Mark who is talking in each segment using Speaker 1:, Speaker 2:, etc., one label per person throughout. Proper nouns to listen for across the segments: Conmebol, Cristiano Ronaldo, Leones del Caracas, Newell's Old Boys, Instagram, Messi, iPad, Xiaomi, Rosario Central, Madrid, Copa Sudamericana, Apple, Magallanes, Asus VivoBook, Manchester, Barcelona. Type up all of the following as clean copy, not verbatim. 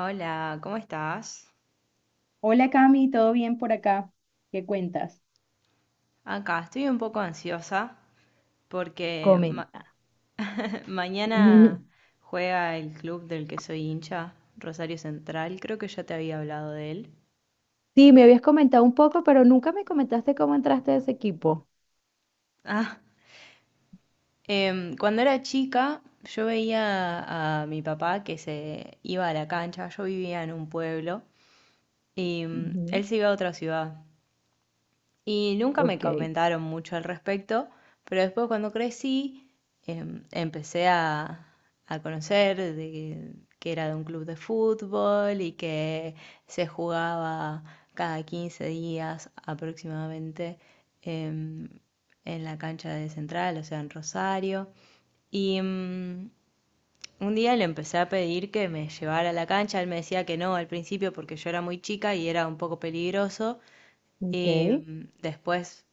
Speaker 1: Hola, ¿cómo estás?
Speaker 2: Hola Cami, ¿todo bien por acá? ¿Qué cuentas?
Speaker 1: Acá estoy un poco ansiosa porque
Speaker 2: Comenta. Ujú.
Speaker 1: mañana juega el club del que soy hincha, Rosario Central. Creo que ya te había hablado de él.
Speaker 2: Sí, me habías comentado un poco, pero nunca me comentaste cómo entraste a ese equipo.
Speaker 1: Ah, cuando era chica, yo veía a mi papá que se iba a la cancha. Yo vivía en un pueblo y
Speaker 2: Ujú.
Speaker 1: él se iba a otra ciudad. Y nunca me
Speaker 2: Ok.
Speaker 1: comentaron mucho al respecto, pero después cuando crecí em, empecé a, a conocer de que era de un club de fútbol y que se jugaba cada 15 días aproximadamente em, en la cancha de Central, o sea, en Rosario. Y un día le empecé a pedir que me llevara a la cancha, él me decía que no al principio porque yo era muy chica y era un poco peligroso. Y
Speaker 2: Ok.
Speaker 1: después,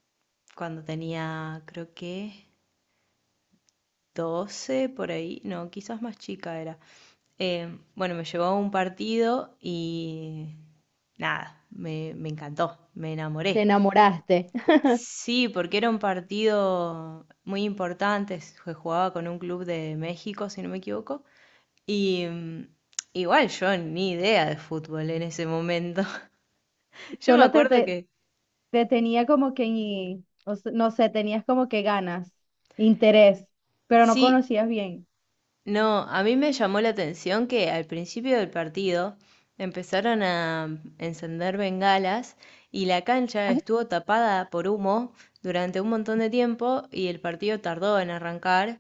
Speaker 1: cuando tenía, creo que 12 por ahí, no, quizás más chica era. Bueno, me llevó a un partido y nada, me encantó, me
Speaker 2: Te
Speaker 1: enamoré.
Speaker 2: enamoraste.
Speaker 1: Sí, porque era un partido muy importante, se jugaba con un club de México, si no me equivoco. Y igual yo ni idea de fútbol en ese momento. Yo me
Speaker 2: Solo te,
Speaker 1: acuerdo
Speaker 2: te,
Speaker 1: que
Speaker 2: te tenía como que, no sé, tenías como que ganas, interés, pero no
Speaker 1: sí.
Speaker 2: conocías bien.
Speaker 1: No, a mí me llamó la atención que al principio del partido empezaron a encender bengalas y la cancha
Speaker 2: Ah,
Speaker 1: estuvo tapada por humo durante un montón de tiempo y el partido tardó en arrancar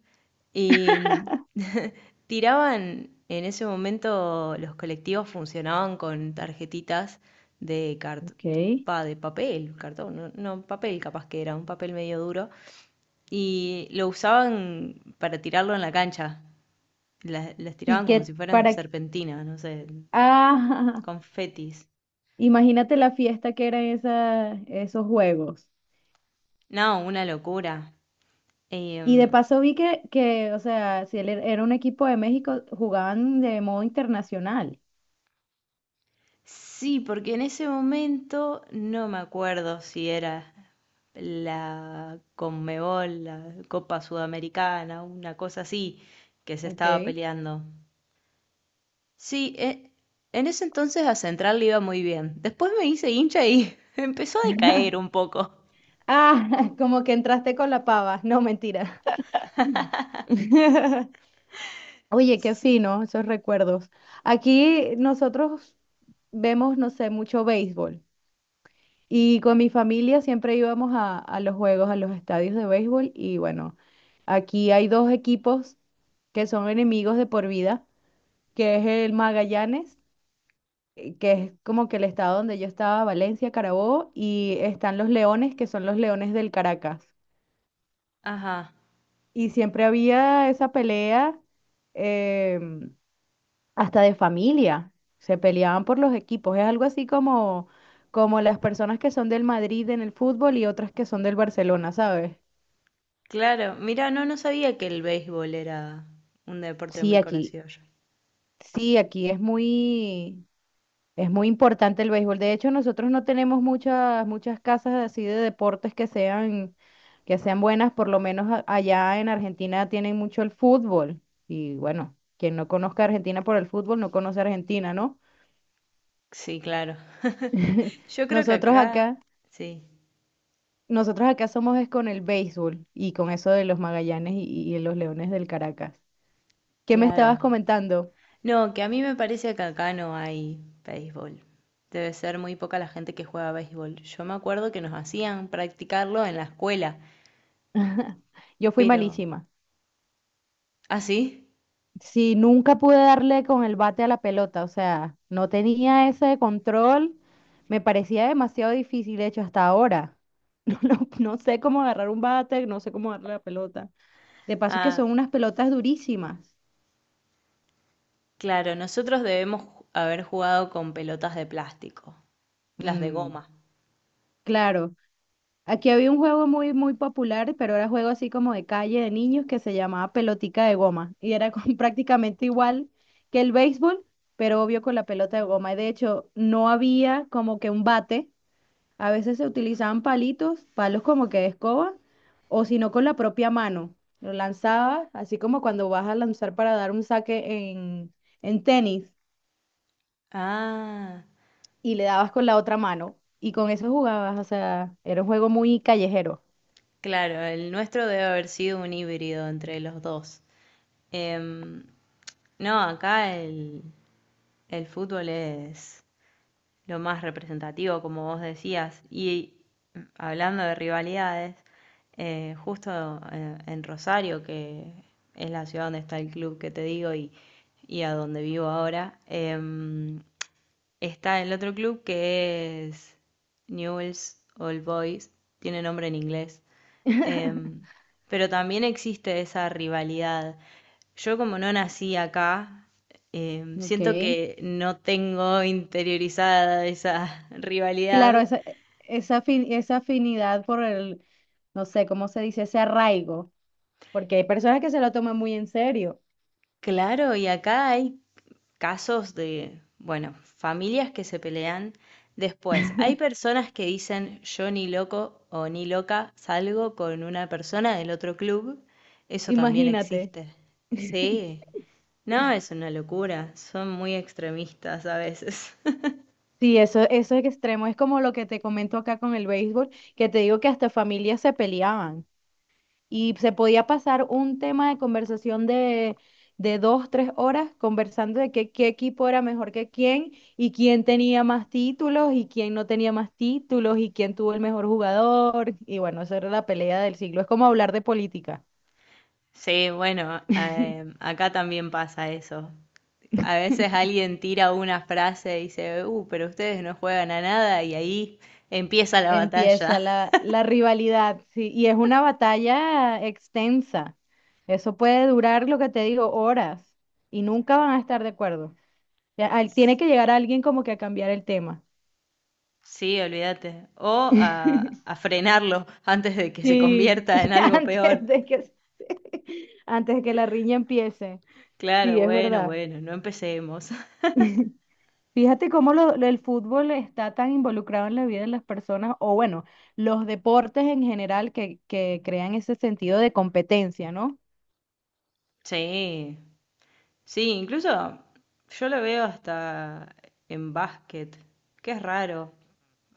Speaker 1: y tiraban en ese momento los colectivos funcionaban con tarjetitas de cart-
Speaker 2: Ok.
Speaker 1: de papel, cartón, no, no, papel capaz que era, un papel medio duro y lo usaban para tirarlo en la cancha. Las
Speaker 2: Y
Speaker 1: tiraban como
Speaker 2: que
Speaker 1: si fueran
Speaker 2: para... qué-
Speaker 1: serpentinas, no sé,
Speaker 2: Ah,
Speaker 1: confetis.
Speaker 2: imagínate la fiesta que eran esos juegos.
Speaker 1: No, una locura.
Speaker 2: Y de
Speaker 1: Em,
Speaker 2: paso vi o sea, si era un equipo de México, jugaban de modo internacional.
Speaker 1: sí, porque en ese momento no me acuerdo si era la Conmebol, la Copa Sudamericana, una cosa así, que se estaba
Speaker 2: Ok.
Speaker 1: peleando. Sí, en ese entonces a Central le iba muy bien. Después me hice hincha y empezó a decaer un poco.
Speaker 2: Ah, como que entraste con la pava. No, mentira. Oye, qué fino esos recuerdos. Aquí nosotros vemos, no sé, mucho béisbol. Y con mi familia siempre íbamos a los juegos, a los estadios de béisbol. Y bueno, aquí hay dos equipos que son enemigos de por vida, que es el Magallanes que es como que el estado donde yo estaba, Valencia, Carabobo, y están los leones, que son los Leones del Caracas.
Speaker 1: Ajá.
Speaker 2: Y siempre había esa pelea, em, hasta de familia, se peleaban por los equipos, es algo así como, como las personas que son del Madrid en el fútbol y otras que son del Barcelona, ¿sabes?
Speaker 1: Claro, mira, no, no sabía que el béisbol era un deporte
Speaker 2: Sí,
Speaker 1: muy
Speaker 2: aquí,
Speaker 1: conocido allá.
Speaker 2: sí, aquí es muy... Es muy importante el béisbol. De hecho, nosotros no tenemos muchas, muchas casas así de deportes que sean buenas. Por lo menos allá en Argentina tienen mucho el fútbol. Y bueno, quien no conozca a Argentina por el fútbol, no conoce a Argentina, ¿no?
Speaker 1: Sí, claro. Yo creo que
Speaker 2: Nosotros
Speaker 1: acá,
Speaker 2: acá,
Speaker 1: sí,
Speaker 2: nosotros acá somos es con el béisbol y con eso de los Magallanes y los Leones del Caracas. ¿Qué me estabas
Speaker 1: claro.
Speaker 2: comentando?
Speaker 1: No, que a mí me parece que acá no hay béisbol. Debe ser muy poca la gente que juega béisbol. Yo me acuerdo que nos hacían practicarlo en la escuela,
Speaker 2: Yo fui
Speaker 1: pero...
Speaker 2: malísima.
Speaker 1: ¿Ah, sí?
Speaker 2: Si nunca pude darle con el bate a la pelota, o sea, no tenía ese control, me parecía demasiado difícil, de hecho, hasta ahora. No, no, no sé cómo agarrar un bate, no sé cómo darle la pelota. De paso que
Speaker 1: Ah,
Speaker 2: son unas pelotas durísimas.
Speaker 1: claro, nosotros haber jugado con pelotas de plástico, las de
Speaker 2: Mm,
Speaker 1: goma.
Speaker 2: claro. Aquí había un juego muy, muy popular, pero era juego así como de calle de niños que se llamaba pelotica de goma y prácticamente igual que el béisbol, pero obvio con la pelota de goma. Y de hecho, no había como que un bate. A veces se utilizaban palitos, palos como que de escoba, o si no con la propia mano. Lo lanzabas, así como cuando vas a lanzar para dar un saque en tenis,
Speaker 1: Ah.
Speaker 2: y le dabas con la otra mano. Y con eso jugabas, o sea, era un juego muy callejero.
Speaker 1: Claro, el nuestro debe haber sido un híbrido entre los dos. Em, no, acá el fútbol es lo más representativo, como vos decías. Y hablando de rivalidades, justo en Rosario, que es la ciudad donde está el club que te digo y a donde vivo ahora, está el otro club que es Newell's Old Boys, tiene nombre en inglés. Em, pero también existe esa rivalidad. Yo como no nací acá,
Speaker 2: Ok.
Speaker 1: siento que no tengo interiorizada esa
Speaker 2: Claro,
Speaker 1: rivalidad.
Speaker 2: esa, esa afinidad por el, no sé, ¿cómo se dice? Ese arraigo, porque hay personas que se lo toman muy en serio.
Speaker 1: Claro, y acá hay casos de, bueno, familias que se pelean. Después, hay personas que dicen yo ni loco o ni loca salgo con una persona del otro club. Eso también
Speaker 2: Imagínate.
Speaker 1: existe. Sí. No, es una locura. Son muy extremistas a veces.
Speaker 2: Sí, eso es extremo. Es como lo que te comento acá con el béisbol, que te digo que hasta familias se peleaban y se podía pasar un tema de conversación de dos, tres horas conversando de que, qué equipo era mejor que quién y quién tenía más títulos y quién no tenía más títulos y quién tuvo el mejor jugador. Y bueno, esa era la pelea del siglo. Es como hablar de política.
Speaker 1: Sí, bueno, acá también pasa eso. A veces alguien tira una frase y dice, pero ustedes no juegan a nada y ahí empieza la
Speaker 2: Empieza
Speaker 1: batalla.
Speaker 2: la rivalidad, sí, y es una batalla extensa. Eso puede durar, lo que te digo, horas y nunca van a estar de acuerdo. Ya, tiene que llegar alguien como que a cambiar el tema.
Speaker 1: Sí, olvídate. O a frenarlo antes de que se
Speaker 2: Sí,
Speaker 1: convierta en algo peor.
Speaker 2: antes de que, antes de que la riña empiece. Sí,
Speaker 1: Claro,
Speaker 2: es
Speaker 1: bueno,
Speaker 2: verdad.
Speaker 1: bueno, no empecemos.
Speaker 2: Fíjate cómo el fútbol está tan involucrado en la vida de las personas, o bueno, los deportes en general que crean ese sentido de competencia, ¿no?
Speaker 1: Sí, sí, incluso yo lo veo hasta en básquet, que es raro.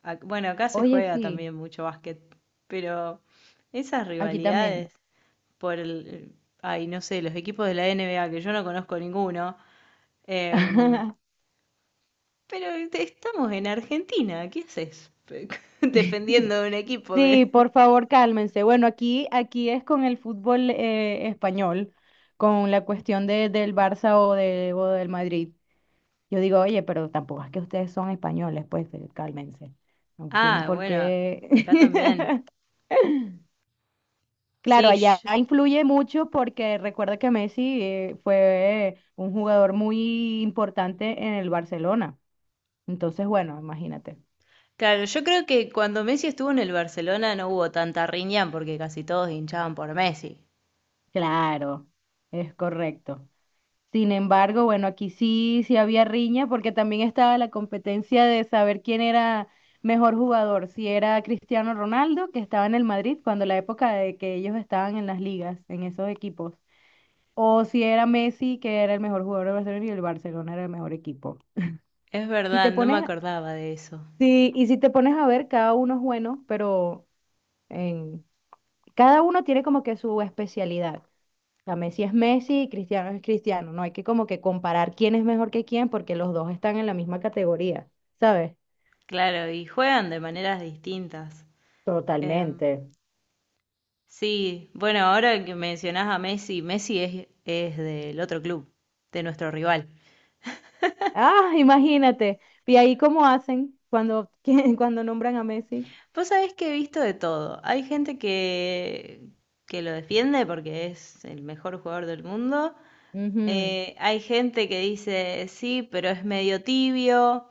Speaker 1: Bueno, acá se
Speaker 2: Oye,
Speaker 1: juega
Speaker 2: sí,
Speaker 1: también mucho básquet, pero esas
Speaker 2: aquí también.
Speaker 1: rivalidades por ay, no sé, los equipos de la NBA que yo no conozco ninguno, em, pero estamos en Argentina, ¿qué haces? Defendiendo un equipo
Speaker 2: Sí,
Speaker 1: que...
Speaker 2: por favor, cálmense. Bueno, aquí, aquí es con el fútbol español, con la cuestión de, del Barça, o de, o del Madrid. Yo digo, oye, pero tampoco es que ustedes son españoles, pues cálmense. No tienen
Speaker 1: Ah,
Speaker 2: por
Speaker 1: bueno,
Speaker 2: qué.
Speaker 1: acá también.
Speaker 2: Claro,
Speaker 1: Sí,
Speaker 2: allá influye mucho porque recuerda que Messi fue un jugador muy importante en el Barcelona. Entonces, bueno, imagínate.
Speaker 1: claro, yo creo que cuando Messi estuvo en el Barcelona no hubo tanta riña porque casi todos hinchaban por Messi.
Speaker 2: Claro, es correcto. Sin embargo, bueno, aquí sí, sí había riña porque también estaba la competencia de saber quién era mejor jugador, si era Cristiano Ronaldo, que estaba en el Madrid cuando la época de que ellos estaban en las ligas, en esos equipos, o si era Messi, que era el mejor jugador de Barcelona y el Barcelona era el mejor equipo.
Speaker 1: Es
Speaker 2: Si
Speaker 1: verdad,
Speaker 2: te
Speaker 1: no me
Speaker 2: pones,
Speaker 1: acordaba de eso.
Speaker 2: sí, y si te pones a ver, cada uno es bueno, pero en, cada uno tiene como que su especialidad. Sea, Messi es Messi y Cristiano es Cristiano. No hay que como que comparar quién es mejor que quién porque los dos están en la misma categoría, ¿sabes?
Speaker 1: Claro, y juegan de maneras distintas. Em,
Speaker 2: Totalmente.
Speaker 1: sí, bueno, ahora que mencionás a Messi, es del otro club, de nuestro rival.
Speaker 2: Ah, imagínate. Y ahí cómo hacen cuando, cuando nombran a Messi.
Speaker 1: Vos sabés que he visto de todo. Hay gente que lo defiende porque es el mejor jugador del mundo.
Speaker 2: Ujú,
Speaker 1: Hay gente que dice, sí, pero es medio tibio.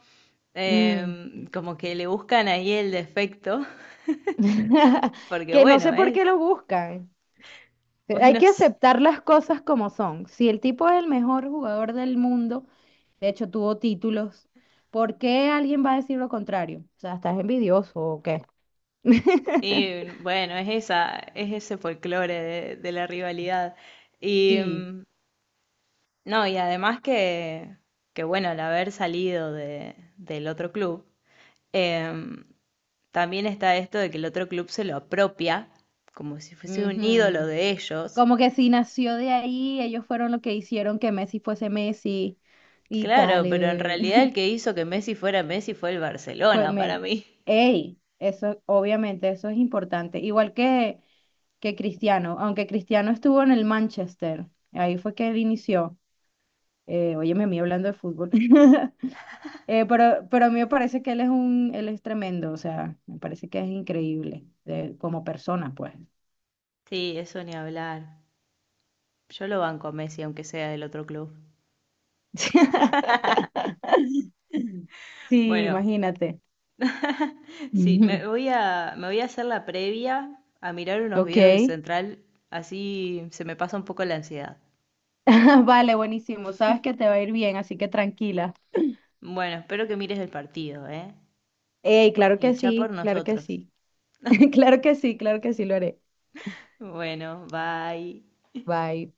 Speaker 2: mm.
Speaker 1: Como que le buscan ahí el defecto, porque
Speaker 2: Que no
Speaker 1: bueno,
Speaker 2: sé por qué lo buscan. Hay
Speaker 1: bueno,
Speaker 2: que aceptar las cosas como son. Si el tipo es el mejor jugador del mundo, de hecho tuvo títulos, ¿por qué alguien va a decir lo contrario? O sea, ¿estás envidioso o qué?
Speaker 1: y bueno, es ese folclore de la rivalidad. Y,
Speaker 2: Sí,
Speaker 1: mm, No, y además que bueno, al haber salido de, del otro club, em, también está esto de que el otro club se lo apropia, como si fuese un ídolo
Speaker 2: ujú.
Speaker 1: de ellos.
Speaker 2: Como que si nació de ahí, ellos fueron los que hicieron que Messi fuese Messi y tal.
Speaker 1: Claro, pero en realidad el que hizo que Messi fuera Messi fue el
Speaker 2: Pues
Speaker 1: Barcelona para
Speaker 2: me,
Speaker 1: mí.
Speaker 2: ey, eso obviamente eso es importante. Igual que Cristiano, aunque Cristiano estuvo en el Manchester, ahí fue que él inició. Óyeme, a mí hablando de fútbol. Pero a mí me parece que él es un, él es tremendo, o sea, me parece que es increíble como persona, pues.
Speaker 1: Sí, eso ni hablar. Yo lo banco a Messi, aunque sea del otro club.
Speaker 2: Sí,
Speaker 1: Bueno,
Speaker 2: imagínate.
Speaker 1: sí,
Speaker 2: Ujú.
Speaker 1: me voy a hacer la previa a mirar unos videos de
Speaker 2: Ok.
Speaker 1: Central, así se me pasa un poco la ansiedad.
Speaker 2: Vale, buenísimo. Sabes que te va a ir bien, así que tranquila.
Speaker 1: Bueno, espero que mires el partido, ¿eh?
Speaker 2: Ey, claro que
Speaker 1: Hinchá por
Speaker 2: sí, claro que
Speaker 1: nosotros.
Speaker 2: sí. Claro que sí, lo haré.
Speaker 1: Bueno, bye.
Speaker 2: Bye.